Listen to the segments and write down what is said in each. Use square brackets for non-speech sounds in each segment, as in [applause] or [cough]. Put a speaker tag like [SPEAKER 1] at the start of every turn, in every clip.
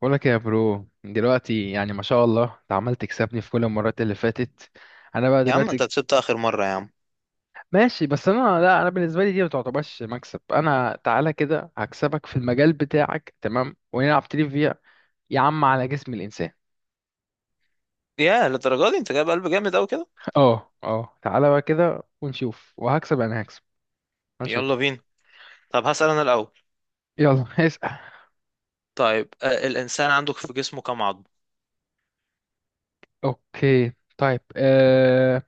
[SPEAKER 1] بقولك يا برو دلوقتي يعني ما شاء الله انت عمال تكسبني في كل المرات اللي فاتت. انا بقى
[SPEAKER 2] يا عم انت
[SPEAKER 1] دلوقتي
[SPEAKER 2] كسبت اخر مرة يا عم.
[SPEAKER 1] ماشي. بس انا بالنسبه لي دي ما تعتبرش مكسب. انا تعالى كده هكسبك في المجال بتاعك، تمام، ونلعب تريفيا يا عم على جسم الانسان.
[SPEAKER 2] يا للدرجة دي، انت جايب قلب جامد اوي كده.
[SPEAKER 1] [laughs] اه اه، تعالى بقى كده ونشوف، وهكسب انا، هكسب،
[SPEAKER 2] يلا
[SPEAKER 1] هنشوف.
[SPEAKER 2] بينا. طب هسأل انا الاول.
[SPEAKER 1] يلا [laughs] اسأل.
[SPEAKER 2] طيب، الانسان عندك في جسمه كام عظم؟
[SPEAKER 1] اوكي طيب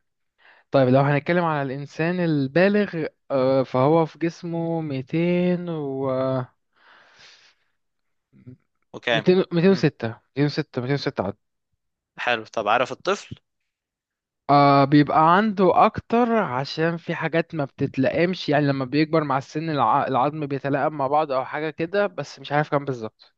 [SPEAKER 1] طيب لو هنتكلم على الانسان البالغ، فهو في جسمه 200 و
[SPEAKER 2] وكام؟
[SPEAKER 1] 200
[SPEAKER 2] مم.
[SPEAKER 1] 206 206 عدد.
[SPEAKER 2] حلو، طب عارف الطفل؟
[SPEAKER 1] آه، بيبقى عنده اكتر عشان في حاجات ما بتتلائمش، يعني لما بيكبر مع السن العظم بيتلائم مع بعض او حاجه كده، بس مش عارف كام بالظبط.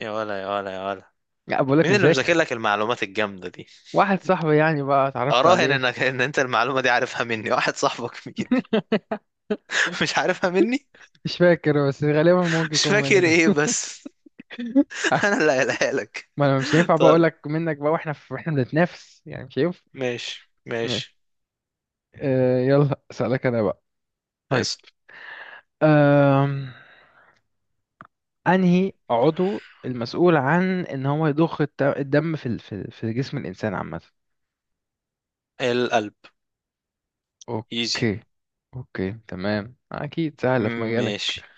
[SPEAKER 2] يا ولا يا ولا يا ولا،
[SPEAKER 1] لا بقولك
[SPEAKER 2] مين اللي مذاكر
[SPEAKER 1] مذاكر.
[SPEAKER 2] لك المعلومات الجامدة دي؟
[SPEAKER 1] واحد صاحبي يعني بقى اتعرفت
[SPEAKER 2] اراهن
[SPEAKER 1] عليه.
[SPEAKER 2] انك ان انت المعلومة دي عارفها مني. واحد صاحبك مين؟
[SPEAKER 1] [laughs]
[SPEAKER 2] [laughs] مش عارفها مني.
[SPEAKER 1] مش فاكر، بس غالبا ممكن
[SPEAKER 2] مش
[SPEAKER 1] يكون
[SPEAKER 2] فاكر
[SPEAKER 1] منك.
[SPEAKER 2] ايه
[SPEAKER 1] [laughs]
[SPEAKER 2] بس؟ [laughs] انا اللي قايلها لك.
[SPEAKER 1] ما انا مش هينفع
[SPEAKER 2] [laughs]
[SPEAKER 1] بقى
[SPEAKER 2] طب
[SPEAKER 1] اقولك منك بقى، واحنا واحنا بنتنافس يعني، مش هينفع.
[SPEAKER 2] ماشي
[SPEAKER 1] ماشي.
[SPEAKER 2] ماشي.
[SPEAKER 1] آه يلا اسالك انا بقى. طيب
[SPEAKER 2] اسأل.
[SPEAKER 1] آه. انهي عضو المسؤول عن ان هو يضخ الدم في في في جسم الانسان عامه.
[SPEAKER 2] القلب. ايزي.
[SPEAKER 1] اوكي، اوكي تمام، اكيد سهله في مجالك.
[SPEAKER 2] ماشي.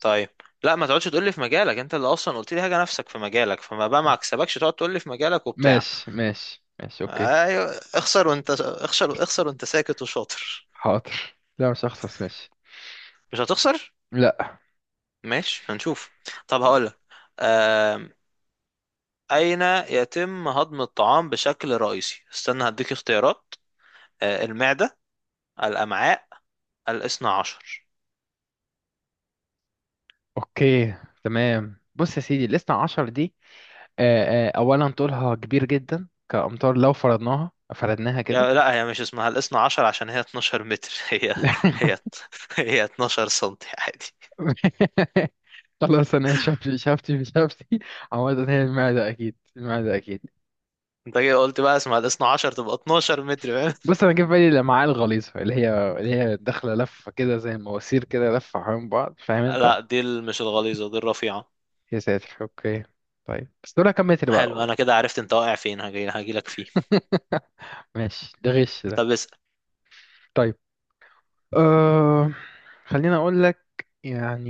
[SPEAKER 2] طيب، لا ما تقعدش تقول لي في مجالك. انت اللي اصلا قلت لي حاجه نفسك في مجالك، فما بقى ما
[SPEAKER 1] أه.
[SPEAKER 2] اكسبكش تقعد تقول لي في مجالك وبتاع.
[SPEAKER 1] ماشي ماشي ماشي، اوكي.
[SPEAKER 2] ايوه اخسر، وانت اخسر اخسر وانت ساكت وشاطر.
[SPEAKER 1] حاضر، لا مش هخسر، ماشي.
[SPEAKER 2] مش هتخسر؟
[SPEAKER 1] لا.
[SPEAKER 2] ماشي هنشوف. طب هقول لك، اين يتم هضم الطعام بشكل رئيسي؟ استنى هديك اختيارات. المعده، الامعاء، الاثنى عشر.
[SPEAKER 1] اوكي تمام، بص يا سيدي، الاثنى عشر دي، اولا طولها كبير جدا، كامتار لو فرضناها كده.
[SPEAKER 2] يا لا، هي مش اسمها الاثنى عشر عشان هي 12 متر. [laughs]
[SPEAKER 1] [laughs]
[SPEAKER 2] هي
[SPEAKER 1] لا.
[SPEAKER 2] هي 12 سنتي عادي.
[SPEAKER 1] خلاص انا شفت، شفتي شفتي. عامة هي المعدة اكيد، المعدة اكيد.
[SPEAKER 2] انت كده قلت بقى، اسمع، الاثنا عشر تبقى 12 متر، فاهم؟
[SPEAKER 1] بص انا جه في بالي الامعاء الغليظه اللي هي داخله لفه كده زي المواسير كده لفه حوالين بعض، فاهم
[SPEAKER 2] [laughs]
[SPEAKER 1] انت.
[SPEAKER 2] لا، دي مش الغليظة، دي الرفيعة.
[SPEAKER 1] يا ساتر، اوكي. طيب بس دول كم متر
[SPEAKER 2] حلو،
[SPEAKER 1] بقى؟
[SPEAKER 2] انا كده عرفت انت واقع فين، هجيلك فيه.
[SPEAKER 1] [laughs] ماشي، ده غش ده.
[SPEAKER 2] طب اسأل.
[SPEAKER 1] طيب أه... خليني اقول لك يعني،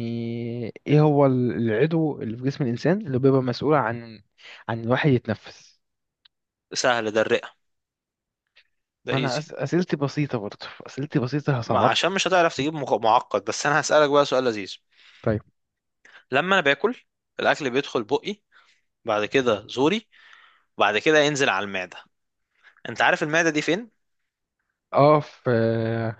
[SPEAKER 1] ايه هو العضو اللي في جسم الانسان اللي بيبقى مسؤول عن، عن الواحد يتنفس؟
[SPEAKER 2] سهل، ده الرئة. ده
[SPEAKER 1] انا
[SPEAKER 2] ايزي.
[SPEAKER 1] اسئلتي بسيطه برضه، اسئلتي بسيطه،
[SPEAKER 2] ما
[SPEAKER 1] هصعب.
[SPEAKER 2] عشان مش هتعرف تجيب معقد، بس انا هسألك بقى سؤال لذيذ.
[SPEAKER 1] طيب
[SPEAKER 2] لما انا باكل، الاكل بيدخل بقي، بعد كده زوري، بعد كده ينزل على المعدة. انت عارف المعدة دي فين؟
[SPEAKER 1] اه. في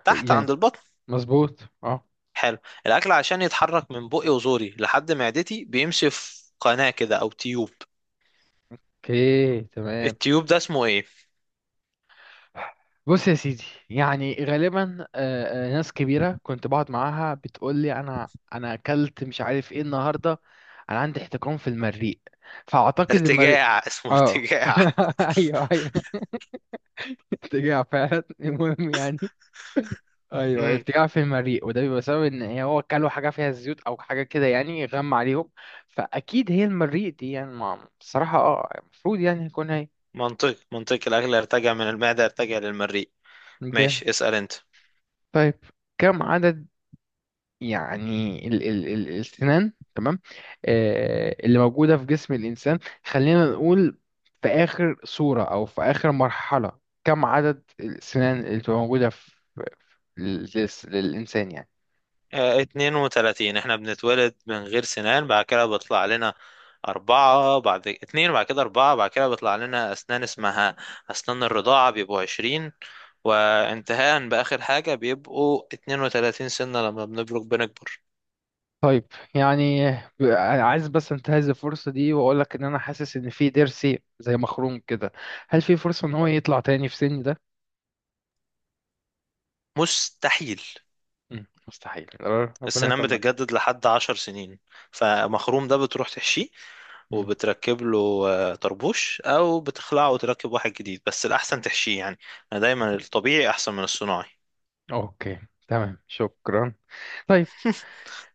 [SPEAKER 2] تحت
[SPEAKER 1] يعني،
[SPEAKER 2] عند البطن.
[SPEAKER 1] مظبوط اه.
[SPEAKER 2] حلو. الاكل عشان يتحرك من بقي وزوري لحد معدتي بيمشي في قناة كده او تيوب.
[SPEAKER 1] اوكي تمام،
[SPEAKER 2] التيوب ده اسمه ايه؟
[SPEAKER 1] بص يا سيدي، يعني غالبا ناس كبيرة كنت بقعد معاها بتقول لي أنا أكلت مش عارف إيه النهاردة، أنا عندي احتقان في المريء، فأعتقد المريء.
[SPEAKER 2] ارتجاع، اسمه
[SPEAKER 1] آه
[SPEAKER 2] ارتجاع.
[SPEAKER 1] [laughs] أيوه أيوه، ارتجاع فعلا، المهم يعني. أيوه
[SPEAKER 2] امم.
[SPEAKER 1] ارتجاع في المريء، وده بيبقى بسبب إن هو أكلوا حاجة فيها زيوت أو حاجة كده يعني غم عليهم، فأكيد هي المريء دي يعني، بصراحة آه، المفروض يعني يكون هي.
[SPEAKER 2] منطق، الاكل يرتجع من المعده، يرتجع للمريء.
[SPEAKER 1] جامد.
[SPEAKER 2] ماشي، اسال انت.
[SPEAKER 1] طيب كم عدد، يعني ال السنان، تمام، آه، اللي موجودة في جسم الإنسان، خلينا نقول في آخر صورة أو في آخر مرحلة، كم عدد السنان اللي بتبقى موجودة للإنسان يعني.
[SPEAKER 2] 32، احنا بنتولد من غير سنان، بعد كده بيطلع لنا أربعة، بعد اتنين، بعد كده أربعة، بعد كده بيطلع لنا أسنان اسمها أسنان الرضاعة بيبقوا عشرين، وانتهاء بآخر حاجة بيبقوا اتنين وتلاتين سنة لما بنبلغ بنكبر.
[SPEAKER 1] طيب يعني ب- عايز بس انتهز الفرصة دي وأقول لك إن أنا حاسس إن في ضرسي زي مخروم كده، هل في فرصة إن هو يطلع تاني في سني ده؟
[SPEAKER 2] مستحيل.
[SPEAKER 1] مم، مستحيل. ربنا
[SPEAKER 2] السنان
[SPEAKER 1] يطمن.
[SPEAKER 2] بتتجدد لحد عشر سنين. فمخروم ده بتروح تحشيه
[SPEAKER 1] مم،
[SPEAKER 2] وبتركب له طربوش، او بتخلعه وتركب واحد جديد، بس الاحسن تحشيه يعني. انا دايما الطبيعي احسن من الصناعي.
[SPEAKER 1] أوكي تمام، شكرا. طيب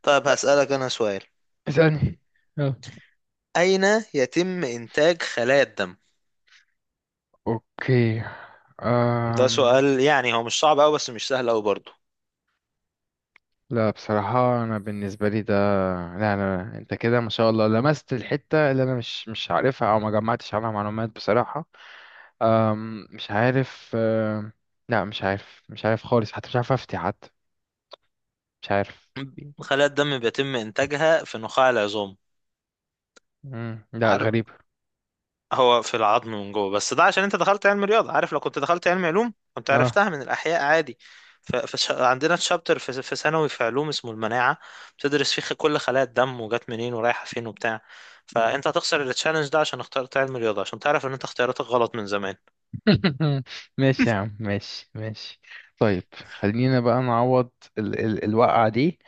[SPEAKER 2] طيب هسألك أنا سؤال.
[SPEAKER 1] اسألني.
[SPEAKER 2] أين يتم إنتاج خلايا الدم؟
[SPEAKER 1] اوكي
[SPEAKER 2] ده
[SPEAKER 1] أم...
[SPEAKER 2] سؤال يعني هو مش صعب أوي، بس مش سهل أوي برضه.
[SPEAKER 1] لا بصراحة، أنا بالنسبة لي ده، لا أنا أنت كده ما شاء الله لمست الحتة اللي أنا مش عارفها، أو ما جمعتش عنها معلومات بصراحة. مش عارف، لا مش عارف، مش عارف خالص، حتى مش عارف أفتي حتى، مش عارف.
[SPEAKER 2] خلايا الدم بيتم إنتاجها في نخاع العظام.
[SPEAKER 1] مم. لا
[SPEAKER 2] عارف،
[SPEAKER 1] غريب.
[SPEAKER 2] هو في العظم من جوه، بس ده عشان انت دخلت علم رياضة. عارف لو كنت دخلت علم علوم كنت
[SPEAKER 1] اه.
[SPEAKER 2] عرفتها من الأحياء عادي. عندنا تشابتر في ثانوي في علوم اسمه المناعة. بتدرس فيه كل خلايا الدم وجات منين ورايحة فين وبتاع. فانت هتخسر التشالنج ده عشان اخترت علم رياضة، عشان تعرف ان انت اختياراتك غلط من زمان.
[SPEAKER 1] [laughs] ماشي يا عم، ماشي ماشي. طيب خلينا بقى نعوض ال الوقعة دي،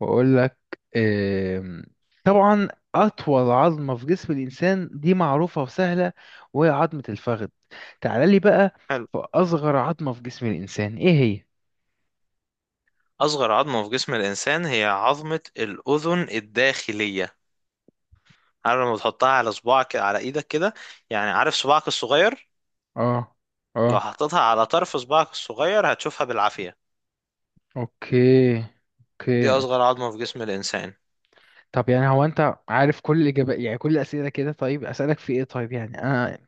[SPEAKER 1] وأقول لك، آم، طبعا أطول عظمة في جسم الإنسان دي معروفة وسهلة، وهي عظمة الفخذ. تعال لي بقى.
[SPEAKER 2] حلو.
[SPEAKER 1] في أصغر عظمة في جسم الإنسان إيه هي؟
[SPEAKER 2] أصغر عظمة في جسم الإنسان هي عظمة الأذن الداخلية. عارف لما بتحطها على صباعك، على إيدك كده؟ يعني عارف صباعك الصغير؟
[SPEAKER 1] آه.
[SPEAKER 2] لو
[SPEAKER 1] آه.
[SPEAKER 2] حطيتها على طرف صباعك الصغير هتشوفها بالعافية.
[SPEAKER 1] أوكي.
[SPEAKER 2] دي
[SPEAKER 1] أوكي أوكي.
[SPEAKER 2] اصغر عظمة في جسم الانسان.
[SPEAKER 1] طب يعني هو أنت عارف كل الإجابات يعني، كل الأسئلة كده؟ طيب أسألك في إيه؟ طيب يعني أنا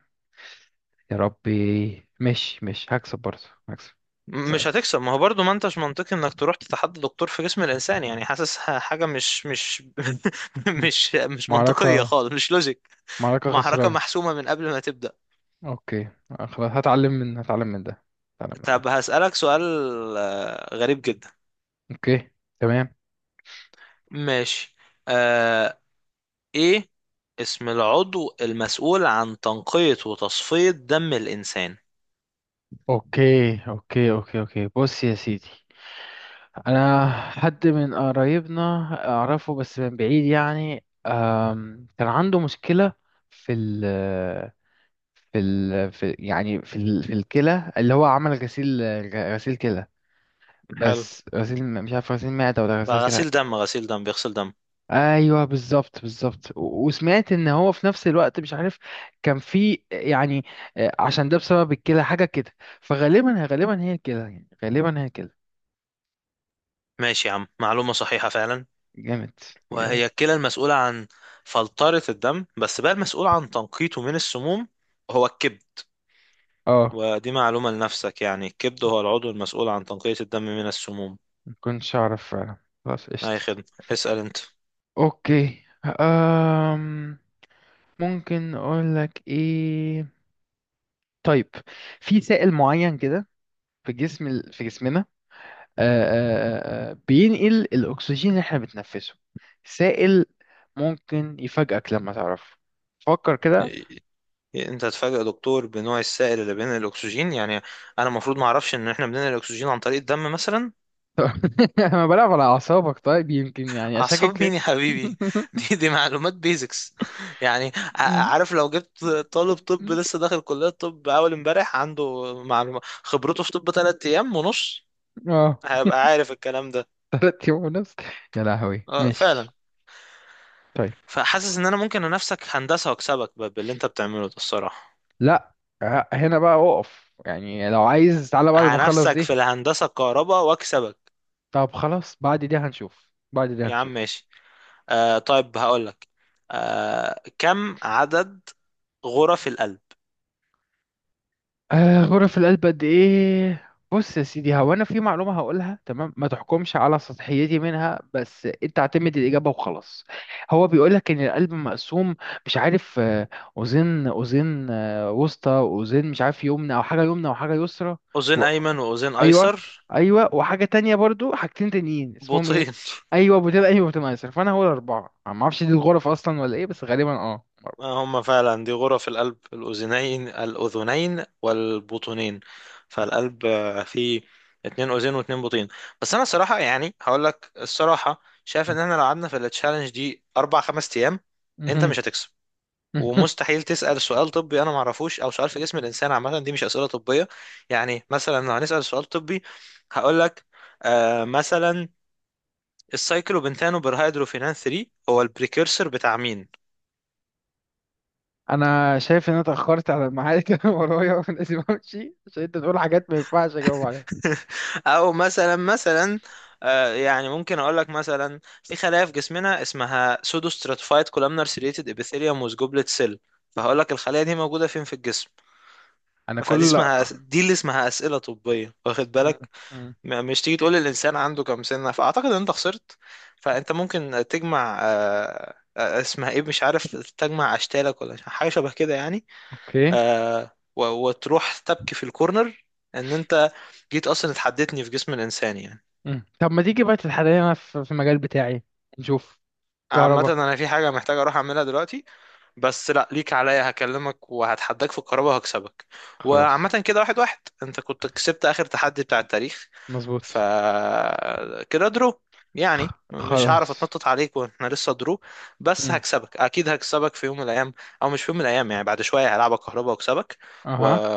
[SPEAKER 1] يا ربي مش هكسب برضه. هكسب.
[SPEAKER 2] مش
[SPEAKER 1] اسأل.
[SPEAKER 2] هتكسب. ما هو برضو ما انتش منطقي انك تروح تتحدى دكتور في جسم الانسان، يعني حاسس حاجة مش [laughs]
[SPEAKER 1] مم.
[SPEAKER 2] مش منطقية
[SPEAKER 1] معركة،
[SPEAKER 2] خالص، مش لوجيك.
[SPEAKER 1] معركة
[SPEAKER 2] محركة
[SPEAKER 1] خسرانة.
[SPEAKER 2] محسومة من قبل ما تبدأ.
[SPEAKER 1] اوكي خلاص، هتعلم من ده. هتعلم من
[SPEAKER 2] طب
[SPEAKER 1] ده.
[SPEAKER 2] هسألك سؤال غريب جدا.
[SPEAKER 1] اوكي تمام.
[SPEAKER 2] ماشي. آه ايه اسم العضو المسؤول عن تنقية وتصفية دم الانسان؟
[SPEAKER 1] اوكي اوكي اوكي اوكي، بص يا سيدي، انا حد من قرايبنا اعرفه بس من بعيد يعني، أم، كان عنده مشكلة في ال في في الكلى اللي هو عمل غسيل، غسيل كلى،
[SPEAKER 2] حلو،
[SPEAKER 1] بس غسيل، مش عارف غسيل معدة ولا
[SPEAKER 2] بقى
[SPEAKER 1] غسيل كلى.
[SPEAKER 2] غسيل دم، غسيل دم بيغسل دم.
[SPEAKER 1] ايوه بالظبط، بالظبط، وسمعت ان هو في نفس الوقت مش عارف كان في يعني، آه، عشان ده بسبب الكلى حاجه كده، فغالبا هي الكلى، يعني غالبا هي الكلى.
[SPEAKER 2] ماشي يا عم، معلومة صحيحة فعلا.
[SPEAKER 1] جامد. جامد.
[SPEAKER 2] وهي الكلى المسؤولة عن فلترة الدم، بس بقى المسؤول عن تنقيته من السموم هو الكبد.
[SPEAKER 1] اه.
[SPEAKER 2] ودي معلومة لنفسك، يعني الكبد هو العضو المسؤول عن تنقية الدم من السموم.
[SPEAKER 1] ما كنتش اعرف فعلا. خلاص
[SPEAKER 2] أي
[SPEAKER 1] قشطه.
[SPEAKER 2] خدمة. اسأل أنت.
[SPEAKER 1] اوكي أم. ممكن اقول لك ايه. طيب في سائل معين كده، في جسم في جسمنا، بينقل الأكسجين اللي احنا بنتنفسه، سائل، ممكن يفاجئك لما تعرفه، فكر كده.
[SPEAKER 2] إيه، أنت هتفاجئ دكتور بنوع السائل اللي بينقل الأكسجين؟ يعني أنا المفروض ما أعرفش إن إحنا بننقل الأكسجين عن طريق الدم مثلا؟
[SPEAKER 1] [laughs] أنا بلعب على أعصابك طيب، يمكن يعني أشكك
[SPEAKER 2] أعصاب مين
[SPEAKER 1] كده.
[SPEAKER 2] يا حبيبي؟ [laughs]
[SPEAKER 1] [laughs]
[SPEAKER 2] دي معلومات بيزكس. يعني عارف لو جبت طالب طب لسه داخل كلية طب أول امبارح، عنده معلومة خبرته في طب تلات أيام ونص،
[SPEAKER 1] اه.
[SPEAKER 2] هيبقى عارف الكلام ده.
[SPEAKER 1] تلات يوم ونص، يا لهوي،
[SPEAKER 2] اه
[SPEAKER 1] ماشي.
[SPEAKER 2] فعلا.
[SPEAKER 1] طيب.
[SPEAKER 2] فحاسس انا ممكن انافسك هندسة واكسبك باللي انت بتعمله ده الصراحة.
[SPEAKER 1] لا آه، هنا بقى أقف، يعني لو عايز تعالى بعد ما نخلص
[SPEAKER 2] هنافسك في
[SPEAKER 1] دي.
[SPEAKER 2] الهندسة الكهرباء واكسبك.
[SPEAKER 1] طب خلاص، بعد دي هنشوف، بعد دي
[SPEAKER 2] يا عم
[SPEAKER 1] هنشوف.
[SPEAKER 2] ماشي. طيب هقولك، كم عدد غرف القلب؟
[SPEAKER 1] آه غرف القلب قد ايه؟ بص يا سيدي، هو انا في معلومه هقولها تمام، ما تحكمش على سطحيتي منها، بس انت اعتمد الاجابه وخلاص. هو بيقول لك ان القلب مقسوم، مش عارف، آه، اوزان، اوزان، آه، وسطى، اوزان مش عارف، يمنى او حاجه يمنى وحاجه يسرى.
[SPEAKER 2] أذين
[SPEAKER 1] و...
[SPEAKER 2] أيمن وأذين
[SPEAKER 1] ايوه.
[SPEAKER 2] أيسر،
[SPEAKER 1] ايوه، وحاجه تانية برضو، حاجتين تانيين اسمهم ايه.
[SPEAKER 2] بطين.
[SPEAKER 1] ايوه بتبقى، ايوه بتبقى يسرى، فانا هو الاربعه ما اعرفش دي الغرف اصلا ولا ايه، بس غالبا اه.
[SPEAKER 2] آه، هم فعلا دي غرف القلب، الأذنين والبطنين. فالقلب فيه اتنين أذين واتنين بطين. بس أنا صراحة يعني هقول لك الصراحة، شايف إن إحنا لو قعدنا في التشالنج دي أربع خمس أيام، أنت مش هتكسب.
[SPEAKER 1] [laughs]
[SPEAKER 2] ومستحيل تسأل سؤال طبي أنا معرفوش، أو سؤال في جسم الإنسان عامة. دي مش أسئلة طبية. يعني مثلا لو هنسأل سؤال طبي هقول لك، مثلا، السايكلوبنتانو برهيدروفينان 3 هو البريكيرسر بتاع مين؟
[SPEAKER 1] انا شايف ان انا اتاخرت على الميعاد، [laughs] كان ورايا لازم امشي، عشان انت تقول حاجات ما ينفعش اجاوب عليها.
[SPEAKER 2] [laughs] او مثلا، يعني ممكن اقول لك مثلا في خلايا في جسمنا اسمها سودو ستراتيفايد كولامنار سيريتد ابيثيليوم ووز جوبلت سيل، فهقول لك الخلايا دي موجوده فين في الجسم.
[SPEAKER 1] انا
[SPEAKER 2] فدي
[SPEAKER 1] كل، لا.
[SPEAKER 2] اسمها، دي اللي اسمها اسئله طبيه، واخد
[SPEAKER 1] مم.
[SPEAKER 2] بالك؟
[SPEAKER 1] مم.
[SPEAKER 2] مش تيجي تقول الانسان عنده كام سنه. فاعتقد ان انت خسرت. فانت ممكن تجمع، اسمها ايه، مش عارف، تجمع اشكالك ولا حاجه شبه كده يعني.
[SPEAKER 1] اوكي.
[SPEAKER 2] آه، وتروح تبكي في الكورنر ان انت جيت اصلا اتحدتني في جسم الانسان يعني.
[SPEAKER 1] مم. طب ما تيجي بقى تتحدانا في في المجال بتاعي، نشوف.
[SPEAKER 2] عامة
[SPEAKER 1] كهرباء.
[SPEAKER 2] انا في حاجة محتاج اروح اعملها دلوقتي، بس لا ليك عليا، هكلمك وهتحداك في القرابة وهكسبك.
[SPEAKER 1] خلاص.
[SPEAKER 2] وعامة كده، واحد واحد، انت كنت كسبت اخر تحدي بتاع التاريخ، ف
[SPEAKER 1] مظبوط.
[SPEAKER 2] كده درو، يعني مش هعرف
[SPEAKER 1] خلاص.
[SPEAKER 2] اتنطط عليك واحنا لسه درو. بس
[SPEAKER 1] مم.
[SPEAKER 2] هكسبك اكيد، هكسبك في يوم من الايام. او مش في يوم من الايام، يعني بعد شوية هلعبك كهربا واكسبك و...
[SPEAKER 1] اها.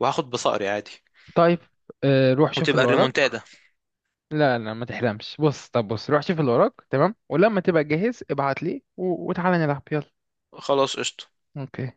[SPEAKER 2] وهاخد بصقري عادي.
[SPEAKER 1] طيب آه، روح شوف
[SPEAKER 2] وتبقى
[SPEAKER 1] اللي وراك.
[SPEAKER 2] الريمونتادا.
[SPEAKER 1] لا لا ما تحلمش، بص، طب بص روح شوف اللي وراك تمام، ولما تبقى جاهز ابعت لي وتعالى نلعب، يلا.
[SPEAKER 2] خلاص قشطة.
[SPEAKER 1] اوكي.